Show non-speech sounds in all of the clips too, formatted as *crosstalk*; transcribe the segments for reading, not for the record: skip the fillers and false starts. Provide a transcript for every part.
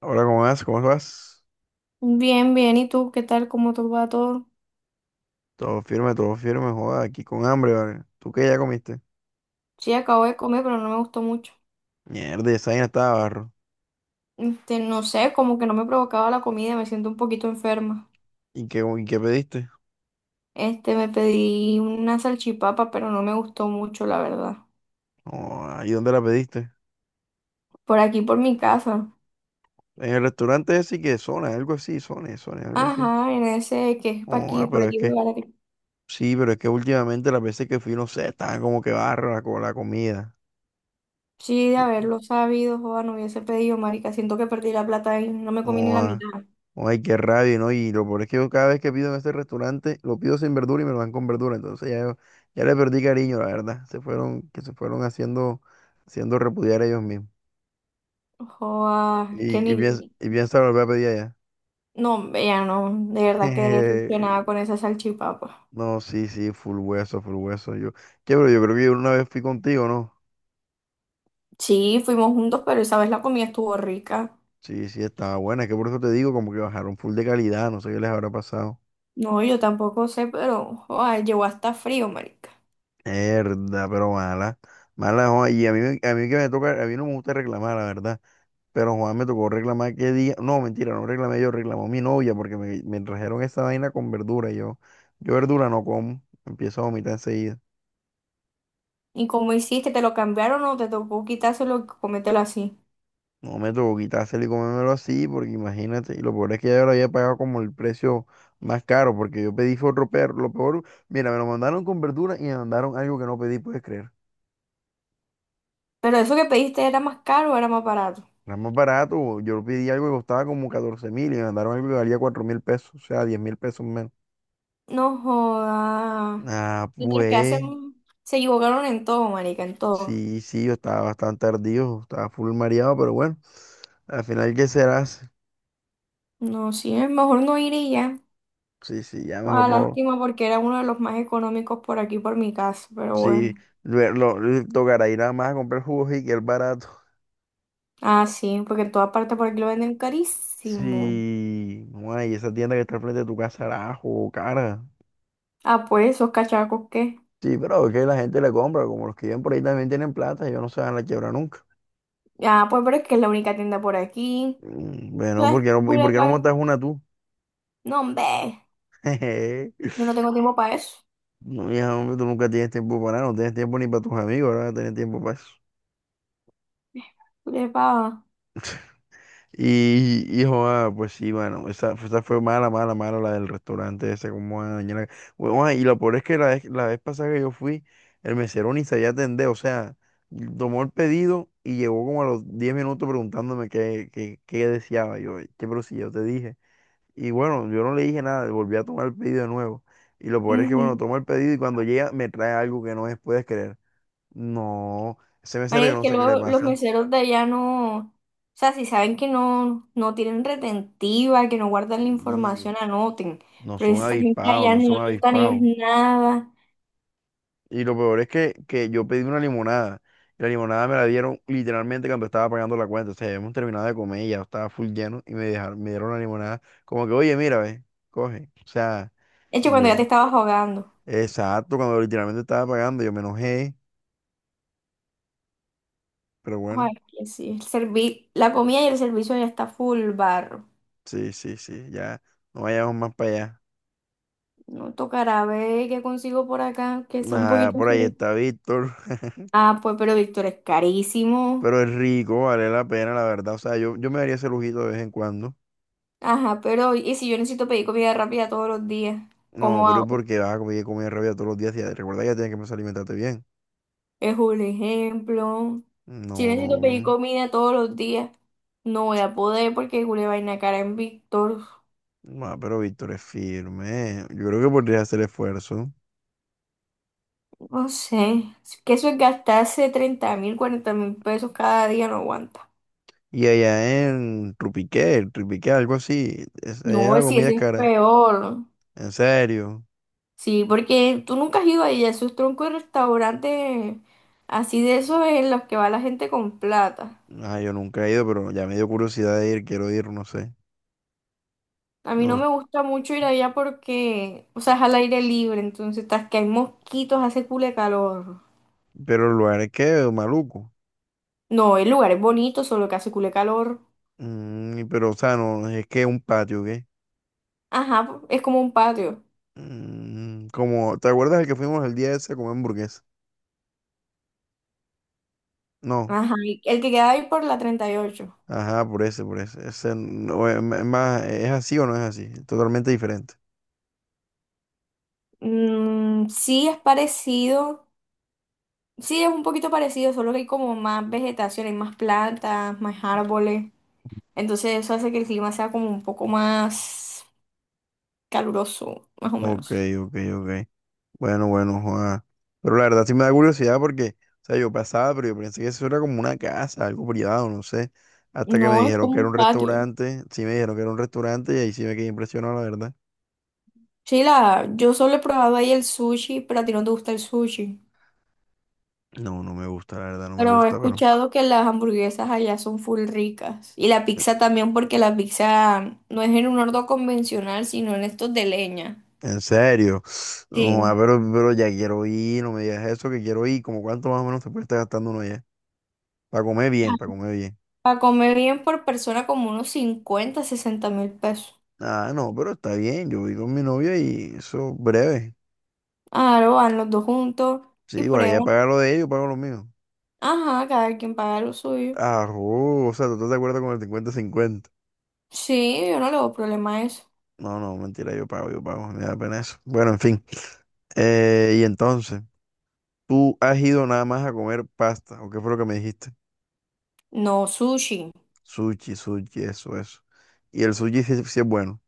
Ahora, ¿cómo vas? ¿Cómo vas? Bien, bien. ¿Y tú qué tal? ¿Cómo te va todo? Todo firme, joda, aquí con hambre, ¿vale? ¿Tú qué ya comiste? Sí, acabo de comer, pero no me gustó mucho. Mierda, esa vaina estaba barro. No sé, como que no me provocaba la comida, me siento un poquito enferma. ¿Y qué pediste? Me pedí una salchipapa, pero no me gustó mucho, la verdad. Oh, ¿ahí dónde la pediste? Por aquí, por mi casa. En el restaurante ese que Zona, algo así, Zona, algo así. Ajá, en ese que es pa' Oh, aquí, ah, por pero es aquí me que, vale. sí, pero es que últimamente las veces que fui, no sé, estaba como que barro la comida. Sí, de haberlo sabido, joda, no hubiese pedido, marica. Siento que perdí la plata y no me comí ni Oh, la ah. mitad. Ay, qué rabia, ¿no? Y lo peor es que yo cada vez que pido en este restaurante, lo pido sin verdura y me lo dan con verdura. Entonces ya, ya le perdí cariño, la verdad. Se fueron, que se fueron haciendo, haciendo repudiar ellos mismos. Joda, que Y, y, piens- ni... y piensa volver a pedir allá. No, ya no, de verdad que decepcionada *laughs* con esa salchipapa. No, sí, sí, full hueso, full hueso. Pero yo creo que yo una vez fui contigo, ¿no? Sí, fuimos juntos, pero esa vez la comida estuvo rica. Sí, sí, estaba buena. Es que por eso te digo, como que bajaron full de calidad, no sé qué les habrá pasado. No, yo tampoco sé, pero ay, llegó hasta frío, marica. Herda, pero mala. Mala, joa, y a mí que me toca, a mí no me gusta reclamar, la verdad. Pero Juan me tocó reclamar qué día. No, mentira, no reclamé yo, reclamó mi novia porque me trajeron esa vaina con verdura. Y yo verdura no como, empiezo a vomitar enseguida. ¿Y cómo hiciste? ¿Te lo cambiaron o te tocó quitárselo y comértelo así? No me tocó quitárselo y comérmelo así, porque imagínate. Y lo peor es que ya yo lo había pagado como el precio más caro, porque yo pedí fue otro perro. Lo peor, mira, me lo mandaron con verdura y me mandaron algo que no pedí, puedes creer. Pero eso que pediste ¿era más caro o era más barato? Era más barato, yo pedí algo que costaba como 14.000 y me mandaron algo que valía 4.000 pesos, o sea, 10.000 pesos menos. No joda. Ah, Mientras que pues. hacen, se equivocaron en todo, marica, en todo. Sí, sí, yo estaba bastante ardido, estaba full mareado, pero bueno, al final, ¿qué serás? No, sí, es mejor no ir y ya. Sí, sí, ya mejor Ah, no. lástima porque era uno de los más económicos por aquí, por mi casa, pero Sí, bueno. Tocará ir a más a comprar jugos y que es barato. Ah, sí, porque en todas partes por aquí lo venden carísimo. Sí, no, y esa tienda que está al frente de tu casa era jugo cara. Ah, pues, esos cachacos, ¿qué? Sí, pero es que la gente le compra, como los que viven por ahí también tienen plata, ellos no se van a la quiebra nunca. Ah, pues, pero es que es la única tienda por aquí. Bueno, ¿Sabes? ¿ por Pura qué no pa- montas una tú? No, hombre. *laughs* Jeje. Yo no tengo tiempo para eso. No, hija, hombre, tú nunca tienes tiempo para nada, no tienes tiempo ni para tus amigos, ahora vas a tener tiempo para eso. Pura pa- Y joda, pues sí, bueno, esa fue mala, mala, mala la del restaurante ese, como van a dañar la- Hue- joda, y lo peor es que la vez pasada que yo fui, el mesero ni sabía atender, o sea, tomó el pedido y llegó como a los 10 minutos preguntándome qué deseaba yo, qué pero si yo te dije. Y bueno, yo no le dije nada, volví a tomar el pedido de nuevo. Y lo peor es que, Ujú. bueno, tomo el pedido y cuando llega me trae algo que no es, puedes creer. No, ese mesero Marica, yo es no que sé qué le luego los pasa. meseros de allá no. O sea, si saben que no, no tienen retentiva, que no guardan la información, anoten. No Pero son esa gente avispados, allá no no son anotan es avispados. nada. Y lo peor es que yo pedí una limonada. Y la limonada me la dieron literalmente cuando estaba pagando la cuenta. O sea, hemos terminado de comer, y ya estaba full lleno y me dejaron, me dieron la limonada. Como que, oye, mira, ve, coge. O sea, De hecho, cuando ya te yo, estabas ahogando. exacto, cuando literalmente estaba pagando, yo me enojé. Pero Ay, bueno, que sí. El servi- la comida y el servicio ya está full bar. sí, sí, sí, ya no vayamos más para allá. No tocará ver qué consigo por acá, que sea un Nada, poquito. por ahí está Víctor. *laughs* Ah, pues, pero Víctor, es Pero carísimo. es rico, vale la pena, la verdad. O sea, yo me daría ese lujito de vez en cuando. Ajá, pero ¿y si yo necesito pedir comida rápida todos los días? No, ¿Cómo pero es hago? porque vas a comer, comer rabia todos los días y recuerda que ya tienes que empezar a alimentarte bien. Es un ejemplo. Si No, necesito pedir no. comida todos los días, no voy a poder porque una vaina cara en Víctor. No, pero Víctor es firme. Yo creo que podría hacer esfuerzo. No sé. Es que eso es gastarse 30.000, 40.000 pesos cada día, no aguanta. Y allá en Trupiqué, algo así, es- allá la No, si comida eso es es cara. peor. En serio. Sí, porque tú nunca has ido ahí a esos troncos de restaurantes así de esos en los que va la gente con plata. Ah, yo nunca he ido, pero ya me dio curiosidad de ir, quiero ir, no sé. A mí no No, me gusta mucho ir allá porque, o sea, es al aire libre, entonces tras que hay mosquitos, hace cule calor. pero el lugar es que maluco. No, el lugar es bonito, solo que hace cule calor. Mm, pero, o sea, no, es que es un patio, ¿qué? Ajá, es como un patio. Mm, como, ¿te acuerdas el que fuimos el día ese a comer hamburguesa? No. Ajá, y el que queda ahí por la 38. Ajá, por eso, por eso. Ese no es más, ¿es así o no es así? Totalmente diferente. Mm, sí es parecido, sí es un poquito parecido, solo que hay como más vegetación, hay más plantas, más árboles. Entonces eso hace que el clima sea como un poco más caluroso, más o Ok, menos. ok, ok. Bueno, bueno, Juan. Pero la verdad sí me da curiosidad porque, o sea, yo pasaba, pero yo pensé que eso era como una casa, algo privado, no sé. Hasta que me No, es dijeron como que era un un patio. restaurante. Sí me dijeron que era un restaurante y ahí sí me quedé impresionado, la verdad. Chila, yo solo he probado ahí el sushi, pero a ti no te gusta el sushi. No, no me gusta, la verdad, no me Pero he gusta, pero. escuchado que las hamburguesas allá son full ricas. Y la pizza también, porque la pizza no es en un horno convencional, sino en estos de leña. En serio. No, Juan, Sí. Pero ya quiero ir, no me digas eso, que quiero ir. ¿Como cuánto más o menos se puede estar gastando uno ya? Para comer bien, para comer bien. Para comer bien por persona como unos 50, 60.000 pesos. Ah, no, pero está bien, yo voy con mi novia y eso breve. Claro, van los dos juntos Sí, y igual ella prueban. paga lo de ellos, pago lo mío. Ajá, cada quien paga lo suyo. Ah, oh, o sea, ¿tú estás de acuerdo con el 50-50? Sí, yo no le veo problema a eso. No, no, mentira, yo pago, me da pena eso. Bueno, en fin. Y entonces, ¿tú has ido nada más a comer pasta? ¿O qué fue lo que me dijiste? No, sushi. Sushi, sushi, eso, eso. Y el sushi sí, sí es bueno.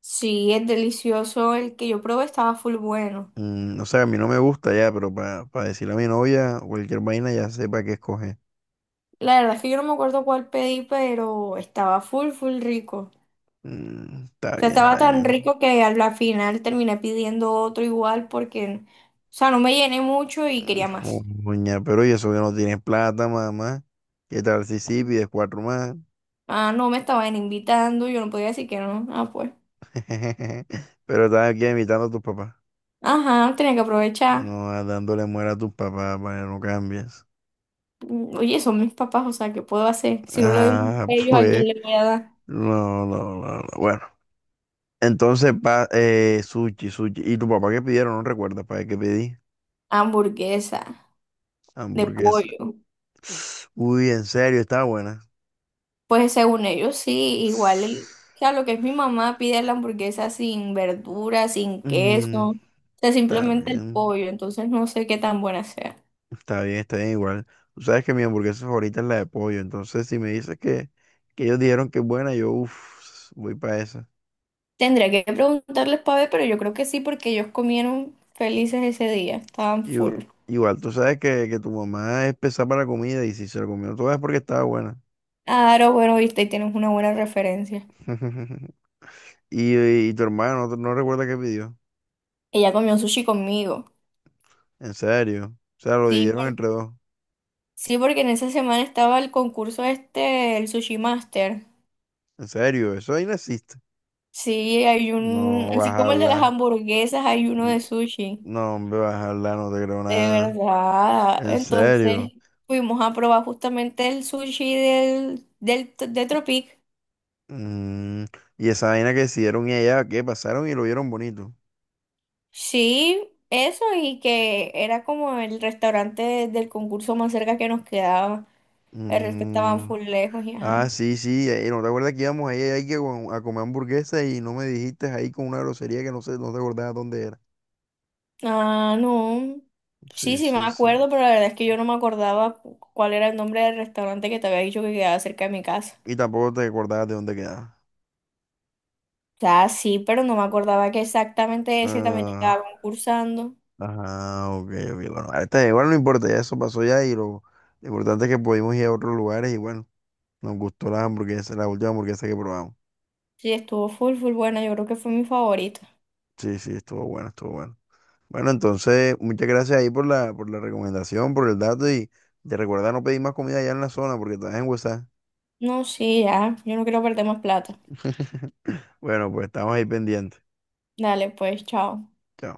Sí, es delicioso. El que yo probé estaba full bueno. Mm, o sea, a mí no me gusta ya, pero para decirle a mi novia o cualquier vaina ya sepa qué escoger. La verdad es que yo no me acuerdo cuál pedí, pero estaba full, full rico. Mm, está O sea, bien, estaba está tan bien. rico que al la final terminé pidiendo otro igual porque, o sea, no me llené mucho y quería más. Uña, pero y eso que no tienes plata, mamá. ¿Qué tal si sí pides cuatro más? Ah, no me estaban invitando, yo no podía decir que no. Ah, pues. *laughs* Pero estás aquí imitando a tus papás. Ajá, tenía que aprovechar. No, ah, dándole muera a tus papás para que no cambies. Mm, oye, son mis papás, o sea, ¿qué puedo hacer? Si no lo doy Ah, a *laughs* ellos, ¿a quién pues. le voy a dar? No, no, no, no. Bueno. Entonces, pa, sushi, sushi. ¿Y tu papá qué pidieron? No recuerdas para qué pedí. Hamburguesa de Hamburguesa. pollo. Uy, en serio, está buena. Pues según ellos sí, igual el- o sea, lo que es mi mamá pide la hamburguesa sin verduras, sin queso, Mm, o sea, está simplemente el bien. pollo, entonces no sé qué tan buena sea. Está bien, está bien igual. Tú sabes que mi hamburguesa favorita es la de pollo, entonces si me dices que ellos dijeron que es buena, yo uff, voy para esa. Tendría que preguntarles para ver, pero yo creo que sí, porque ellos comieron felices ese día, estaban Igu- full. Igual, tú sabes que tu mamá es pesada para la comida y si se la comió toda es porque estaba buena. Claro, bueno, viste, y tienes una buena referencia. *laughs* Y tu hermano no recuerda qué pidió. Ella comió sushi conmigo. En serio. O sea, lo Sí, dividieron por- entre dos. sí, porque en esa semana estaba el concurso este, el Sushi Master. En serio, eso ahí no existe. Sí, hay un, No vas así a como el de las hablar. hamburguesas, hay uno N- de sushi. No, hombre, vas a hablar, no te creo De nada. verdad. En Entonces serio. fuimos a probar justamente el sushi de Tropic. Mm, y esa vaina que decidieron y allá, qué pasaron y lo vieron bonito. Sí, eso y que era como el restaurante del concurso más cerca que nos quedaba. El resto estaban Mm, full lejos y ah, ajá. sí, sí, ¿no te acuerdas que íbamos ahí que a comer hamburguesa y no me dijiste ahí con una grosería que no sé, no te acordabas dónde era? Ah, no. Sí, Sí, sí me sí, sí. acuerdo, pero la verdad es que yo no me acordaba cu- cuál era el nombre del restaurante que te había dicho que quedaba cerca de mi casa. Y tampoco te acordabas de dónde quedaba. O sea, sí, pero no me acordaba que exactamente ese también Ah, estaba concursando. ajá, ok, ok, bueno, ahorita igual no importa, ya eso pasó ya y lo importante es que pudimos ir a otros lugares y bueno, nos gustó la hamburguesa, la última hamburguesa que probamos. Sí, estuvo full, full buena. Yo creo que fue mi favorito. Sí, sí, estuvo bueno, estuvo bueno. Bueno, entonces, muchas gracias ahí por la recomendación, por el dato y te recuerda no pedir más comida allá en la zona porque estás en WhatsApp. No, sí, ya. Yo no quiero perder más plata. *laughs* Bueno, pues estamos ahí pendientes. Dale, pues, chao. Chao.